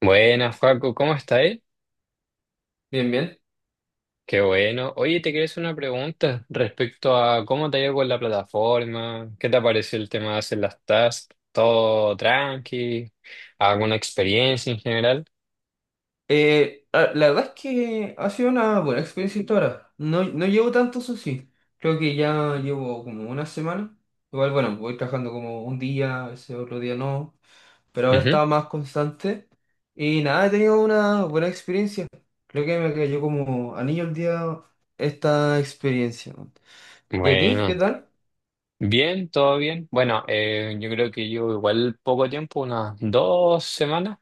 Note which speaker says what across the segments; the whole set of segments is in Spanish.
Speaker 1: Buenas, Joaco, ¿cómo estáis?
Speaker 2: Bien, bien.
Speaker 1: Qué bueno. Oye, te quería hacer una pregunta respecto a cómo te ha ido con la plataforma, qué te pareció el tema de hacer las tasks, todo tranqui, alguna experiencia en general.
Speaker 2: La verdad es que ha sido una buena experiencia hasta ahora. No llevo tanto, eso sí. Creo que ya llevo como 1 semana. Igual, bueno, voy trabajando como un día, ese otro día no. Pero ahora
Speaker 1: Ujú.
Speaker 2: estaba más constante. Y nada, he tenido una buena experiencia. Creo que me cayó como anillo el día esta experiencia. ¿Y a ti? ¿Qué
Speaker 1: Bueno,
Speaker 2: tal?
Speaker 1: bien, todo bien. Bueno, yo creo que yo igual poco tiempo, unas 2 semanas,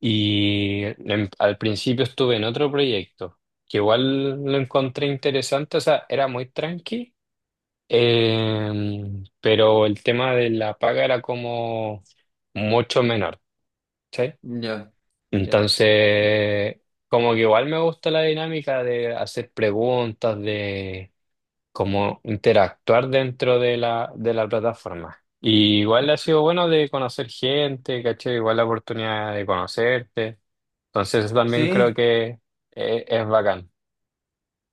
Speaker 1: y al principio estuve en otro proyecto, que igual lo encontré interesante, o sea, era muy tranqui. Pero el tema de la paga era como mucho menor, ¿sí?
Speaker 2: Ya, ya, ya.
Speaker 1: Entonces, como que igual me gusta la dinámica de hacer preguntas, de como interactuar dentro de de la plataforma. Y
Speaker 2: Ya.
Speaker 1: igual ha sido bueno de conocer gente, ¿cachai? Igual la oportunidad de conocerte. Entonces, eso también creo
Speaker 2: Sí,
Speaker 1: que es bacán.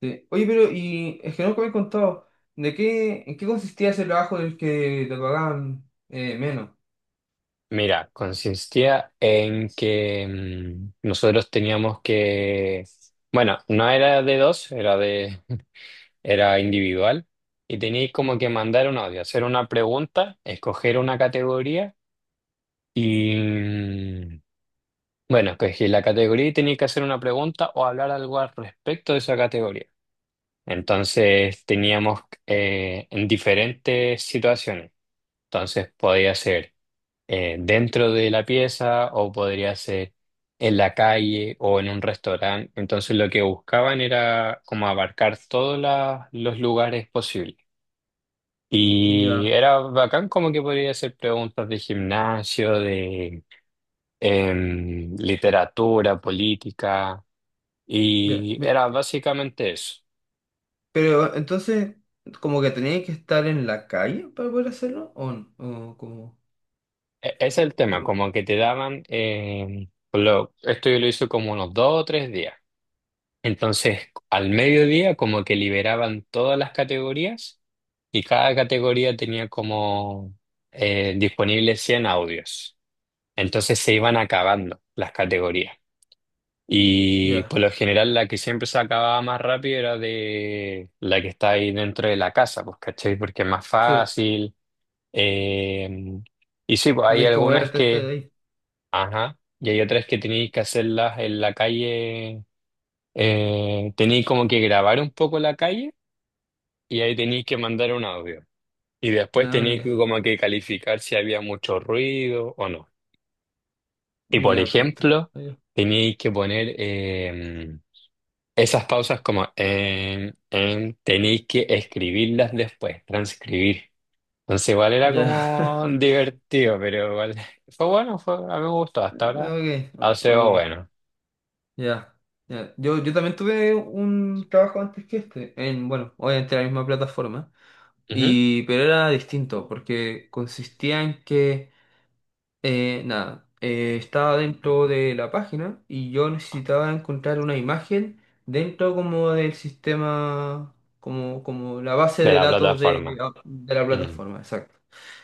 Speaker 2: sí. Oye, pero y es que nunca me has contado, ¿de qué, en qué consistía ese trabajo del que te pagaban menos?
Speaker 1: Mira, consistía en que nosotros teníamos que, bueno, no era de dos, era de, era individual y teníais como que mandar un audio, hacer una pregunta, escoger una categoría y, bueno, escogí la categoría y teníais que hacer una pregunta o hablar algo al respecto de esa categoría. Entonces teníamos en diferentes situaciones. Entonces podía ser dentro de la pieza o podría ser en la calle o en un restaurante. Entonces lo que buscaban era como abarcar todos los lugares posibles. Y
Speaker 2: Ya,
Speaker 1: era bacán como que podría hacer preguntas de gimnasio, de literatura, política.
Speaker 2: ya.
Speaker 1: Y era básicamente eso.
Speaker 2: Pero entonces, como que tenías que estar en la calle para poder hacerlo, ¿o no? o como,
Speaker 1: Ese es el tema,
Speaker 2: por-
Speaker 1: como que te daban, lo, esto yo lo hice como unos 2 o 3 días. Entonces, al mediodía como que liberaban todas las categorías y cada categoría tenía como disponibles 100 audios. Entonces se iban acabando las categorías. Y
Speaker 2: Ya,
Speaker 1: por lo general la que siempre se acababa más rápido era de la que está ahí dentro de la casa, pues, ¿cachai? Porque es más
Speaker 2: sí,
Speaker 1: fácil. eh, y sí, pues hay
Speaker 2: tienes que
Speaker 1: algunas
Speaker 2: moverte, estar
Speaker 1: que,
Speaker 2: ahí.
Speaker 1: ajá, y hay otras que tenéis que hacerlas en la calle, tenéis como que grabar un poco la calle y ahí tenéis que mandar un audio. Y después
Speaker 2: No,
Speaker 1: tenéis
Speaker 2: ya,
Speaker 1: que como que calificar si había mucho ruido o no. Y por
Speaker 2: ya, perfecto.
Speaker 1: ejemplo,
Speaker 2: Ya,
Speaker 1: tenéis que poner esas pausas como tenéis que escribirlas después, transcribir. Entonces igual era
Speaker 2: ya,
Speaker 1: como divertido, pero igual fue bueno, fue, a mí me gustó. Hasta ahora
Speaker 2: ok,
Speaker 1: ha sido
Speaker 2: ok.
Speaker 1: bueno.
Speaker 2: Ya, ya. Yo también tuve un trabajo antes que este, en, bueno, obviamente la misma plataforma.
Speaker 1: Ujú.
Speaker 2: Y, pero era distinto, porque consistía en que nada, estaba dentro de la página y yo necesitaba encontrar una imagen dentro como del sistema, como, como la base
Speaker 1: De
Speaker 2: de
Speaker 1: la
Speaker 2: datos
Speaker 1: plataforma.
Speaker 2: de, ah, de la
Speaker 1: Mm.
Speaker 2: plataforma, exacto.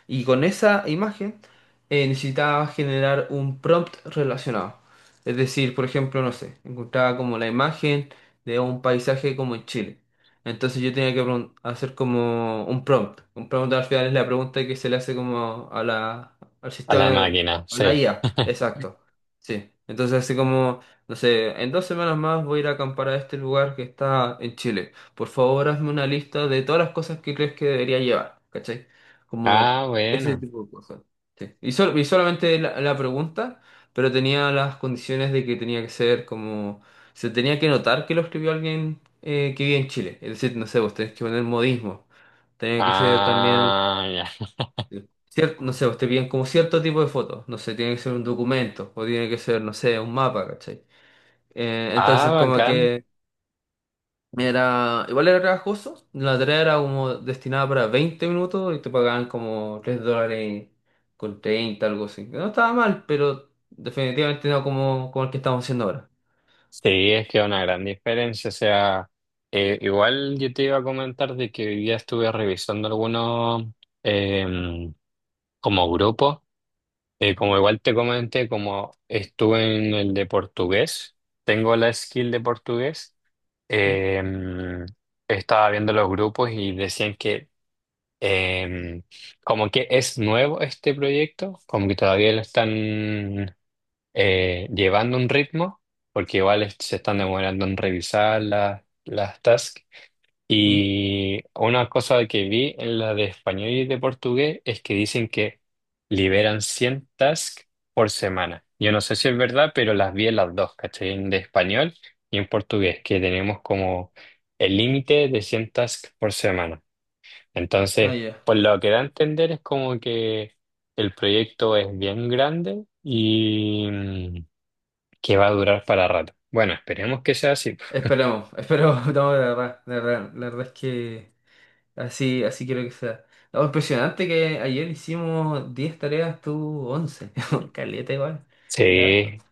Speaker 2: Y con esa imagen necesitaba generar un prompt relacionado. Es decir, por ejemplo, no sé, encontraba como la imagen de un paisaje como en Chile. Entonces yo tenía que hacer como un prompt. Un prompt al final es la pregunta que se le hace como a la al
Speaker 1: A la
Speaker 2: sistema,
Speaker 1: máquina,
Speaker 2: a
Speaker 1: sí.
Speaker 2: la IA, exacto. Sí, entonces así como, no sé, en 2 semanas más voy a ir a acampar a este lugar que está en Chile. Por favor, hazme una lista de todas las cosas que crees que debería llevar, ¿cachai? Como
Speaker 1: Ah,
Speaker 2: ese
Speaker 1: bueno.
Speaker 2: tipo de cosas. Sí. Y, y solamente la pregunta, pero tenía las condiciones de que tenía que ser como, se tenía que notar que lo escribió alguien que vive en Chile. Es decir, no sé, vos tenés que poner modismo. Tenía que ser también
Speaker 1: Ah, ya.
Speaker 2: no sé, usted piden como cierto tipo de fotos, no sé, tiene que ser un documento o tiene que ser, no sé, un mapa, ¿cachai?
Speaker 1: Ah,
Speaker 2: Entonces como
Speaker 1: bacán.
Speaker 2: que era, igual era trabajoso, la tarea era como destinada para 20 minutos y te pagaban como $3 con 30 algo así. Que no estaba mal, pero definitivamente no como, como el que estamos haciendo ahora.
Speaker 1: Sí, es que es una gran diferencia. O sea, igual yo te iba a comentar de que hoy día estuve revisando algunos em, como grupos. Como igual te comenté, como estuve en el de portugués, tengo la skill de portugués.
Speaker 2: ¿Mm?
Speaker 1: em, Estaba viendo los grupos y decían que em, como que es nuevo este proyecto, como que todavía lo están llevando un ritmo, porque igual se están demorando en revisar las tasks.
Speaker 2: ¿Mm?
Speaker 1: Y una cosa que vi en la de español y de portugués es que dicen que liberan 100 tasks por semana. Yo no sé si es verdad, pero las vi en las dos, ¿cachai? En de español y en portugués, que tenemos como el límite de 100 tasks por semana.
Speaker 2: Ah,
Speaker 1: Entonces,
Speaker 2: ya.
Speaker 1: por lo que da a entender es como que el proyecto es bien grande y que va a durar para rato. Bueno, esperemos que sea así.
Speaker 2: Esperemos, esperemos, no, la verdad, la verdad, la verdad es que... Así, así quiero que sea. No, impresionante que ayer hicimos 10 tareas, tú 11. Caleta igual. Es harto.
Speaker 1: Sí,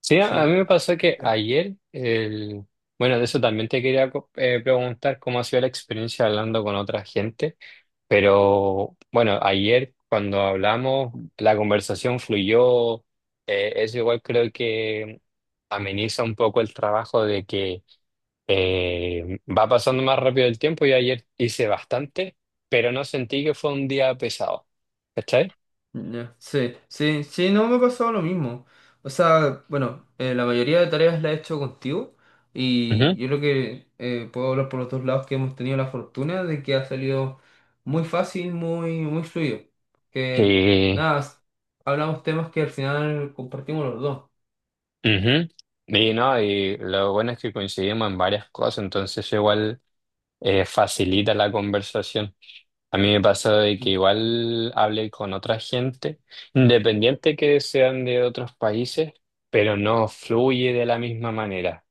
Speaker 1: sí, a mí
Speaker 2: Sí.
Speaker 1: me pasó que ayer, el... bueno, de eso también te quería preguntar cómo ha sido la experiencia hablando con otra gente, pero bueno, ayer cuando hablamos, la conversación fluyó, eso igual creo que ameniza un poco el trabajo de que va pasando más rápido el tiempo y ayer hice bastante, pero no sentí que fue un día pesado, ¿cachai?
Speaker 2: Ya, sí, sí, sí, no me ha pasado lo mismo. O sea, bueno, la mayoría de tareas la he hecho contigo y yo creo que puedo hablar por los dos lados que hemos tenido la fortuna de que ha salido muy fácil, muy, muy fluido. Que
Speaker 1: Y,
Speaker 2: nada, hablamos temas que al final compartimos los dos.
Speaker 1: ujú. Y no, y lo bueno es que coincidimos en varias cosas, entonces eso igual facilita la conversación. A mí me pasó de que
Speaker 2: Mm.
Speaker 1: igual hablé con otra gente, independiente que sean de otros países, pero no fluye de la misma manera.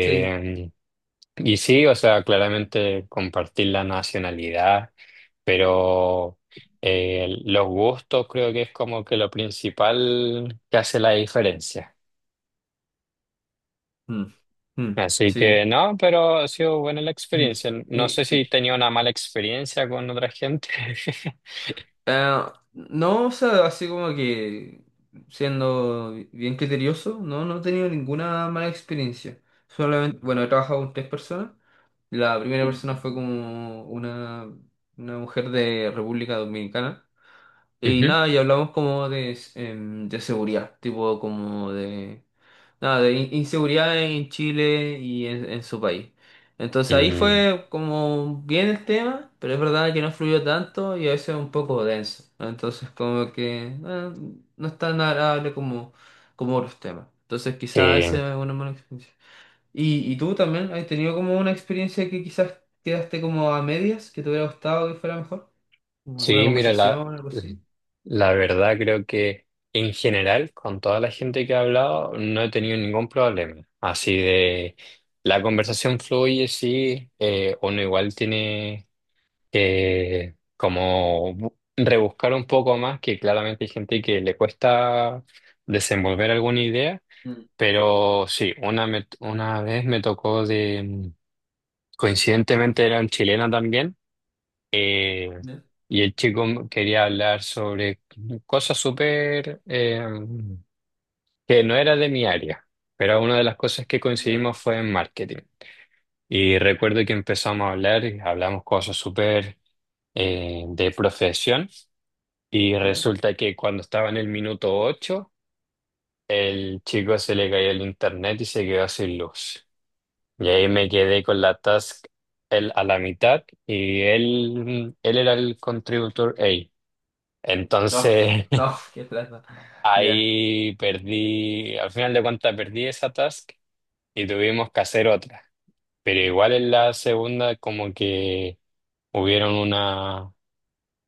Speaker 2: Sí.
Speaker 1: y sí, o sea, claramente compartir la nacionalidad, pero los gustos creo que es como que lo principal que hace la diferencia.
Speaker 2: Mm, mm.
Speaker 1: Así que
Speaker 2: Sí.
Speaker 1: no, pero ha sido buena la
Speaker 2: Ujú.
Speaker 1: experiencia. No sé
Speaker 2: Y-
Speaker 1: si
Speaker 2: y,
Speaker 1: tenía una mala experiencia con otra gente.
Speaker 2: ah, no, o sea, así como que siendo bien criterioso, no he tenido ninguna mala experiencia. Solamente, bueno, he trabajado con 3 personas. La primera persona fue como una mujer de República Dominicana. Y
Speaker 1: Ujú.
Speaker 2: nada, y hablamos como de, em, de seguridad, tipo como de nada, de inseguridad en Chile y en su país. Entonces ahí
Speaker 1: Mm,
Speaker 2: fue como bien el tema, pero es verdad que no fluyó tanto y a veces un poco denso, ¿no? Entonces como que no es tan agradable como, como otros temas. Entonces
Speaker 1: sí,
Speaker 2: quizás esa es una mala experiencia. Y tú también has tenido como una experiencia que quizás quedaste como a medias, que te hubiera gustado que fuera mejor? ¿Como alguna
Speaker 1: sí, mira,
Speaker 2: conversación, algo así?
Speaker 1: la verdad creo que en general, con toda la gente que he hablado, no he tenido ningún problema. Así de, la conversación fluye, sí, uno igual tiene que como rebuscar un poco más, que claramente hay gente que le cuesta desenvolver alguna idea.
Speaker 2: Mm,
Speaker 1: Pero sí, una vez me tocó de, coincidentemente era un chileno también, eh,
Speaker 2: ya,
Speaker 1: y el chico quería hablar sobre cosas súper que no era de mi área, pero una de las cosas que
Speaker 2: ya,
Speaker 1: coincidimos fue en marketing. Y recuerdo que empezamos a hablar y hablamos cosas súper de profesión, y
Speaker 2: ya.
Speaker 1: resulta que cuando estaba en el minuto 8 el chico se le caía el internet y se quedó sin luz. Y ahí me quedé con la task él a la mitad y él era el contributor A.
Speaker 2: No,
Speaker 1: Entonces
Speaker 2: no, qué plata. Ya.
Speaker 1: ahí perdí, al final de cuentas perdí esa task y tuvimos que hacer otra. Pero igual en la segunda como que hubieron una...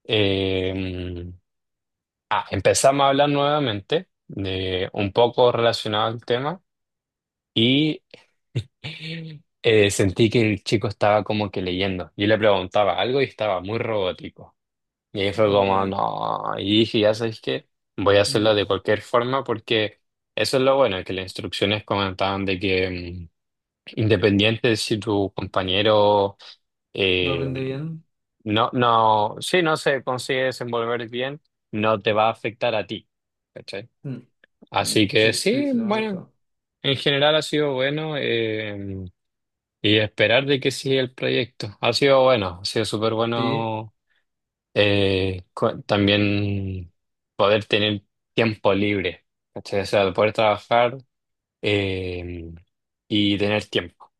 Speaker 1: eh, empezamos a hablar nuevamente de un poco relacionado al tema. Y sentí que el chico estaba como que leyendo. Yo le preguntaba algo y estaba muy robótico. Y ahí fue como,
Speaker 2: Ya.
Speaker 1: no. Y dije, ya sabes qué, voy a hacerlo
Speaker 2: Mm.
Speaker 1: de cualquier forma porque eso es lo bueno, que las instrucciones comentaban de que independiente de si tu compañero
Speaker 2: ¿No
Speaker 1: eh,
Speaker 2: rinde bien?
Speaker 1: no, no, si no se consigue desenvolver bien, no te va a afectar a ti. ¿Cachai?
Speaker 2: Mm,
Speaker 1: Así
Speaker 2: mm.
Speaker 1: que
Speaker 2: Sí, sí,
Speaker 1: sí,
Speaker 2: sí, lo me
Speaker 1: bueno,
Speaker 2: gusta.
Speaker 1: en general ha sido bueno. Y esperar de que siga el proyecto. Ha sido bueno, ha sido súper
Speaker 2: Sí,
Speaker 1: bueno, también poder tener tiempo libre, ¿cachai? O sea, poder trabajar eh, y tener tiempo.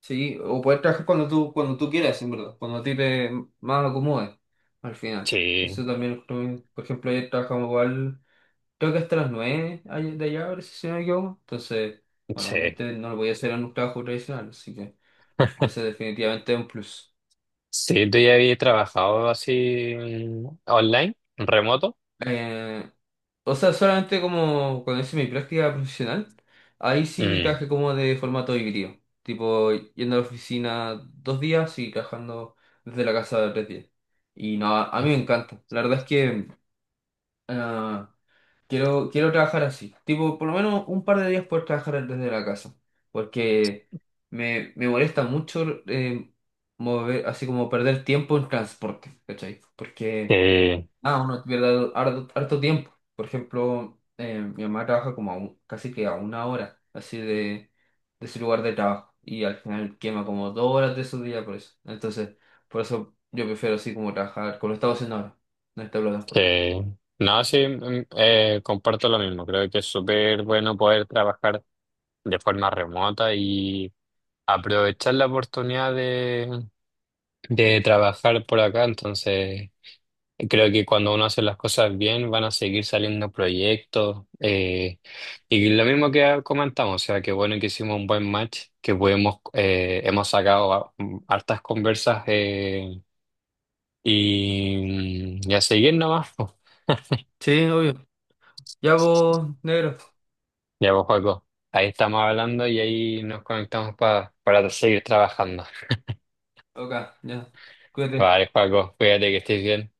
Speaker 2: sí. O poder trabajar cuando tú quieras, en verdad. Cuando a ti te más acomode, al final.
Speaker 1: Sí,
Speaker 2: Eso también, lo encuentro bien. Por ejemplo, ayer trabajamos igual, creo que hasta las 9 de allá, ahora si no me equivoco. Entonces, bueno,
Speaker 1: sí.
Speaker 2: obviamente no lo voy a hacer en un trabajo tradicional, así que ese definitivamente es un plus.
Speaker 1: Sí, tú ya habías trabajado así online, remoto.
Speaker 2: Eh, o sea, solamente como cuando hice mi práctica profesional, ahí sí
Speaker 1: Mm,
Speaker 2: trabajé como de formato híbrido, tipo yendo a la oficina 2 días y trabajando desde la casa 3 días. Y no, a mí me encanta. La verdad es que ah, quiero, quiero trabajar así, tipo por lo menos un par de días poder trabajar desde la casa, porque me molesta mucho mover, así como perder tiempo en transporte, ¿cachai? Porque...
Speaker 1: sí,
Speaker 2: Ah, uno pierde harto, harto tiempo. Por ejemplo, mi mamá trabaja como a casi que a 1 hora así de su lugar de trabajo y al final quema como 2 horas de su día por eso. Entonces, por eso yo prefiero así como trabajar como lo estaba haciendo ahora, en esta
Speaker 1: sí.
Speaker 2: plataforma.
Speaker 1: No, sí, comparto lo mismo. Creo que es súper bueno poder trabajar de forma remota aprovechar la oportunidad de trabajar por acá, entonces creo que cuando uno hace las cosas bien van a seguir saliendo proyectos, y lo mismo que comentamos, o sea, que bueno que hicimos un buen match, que pudimos, hemos sacado hartas conversas, y a seguir nomás. Po.
Speaker 2: Sí, obvio. Ya vos, negro.
Speaker 1: Ya pues, Joaco, ahí estamos hablando y ahí nos conectamos para seguir trabajando.
Speaker 2: Ok, ya. Cuídate.
Speaker 1: Vale, Joaco, cuídate que estés bien.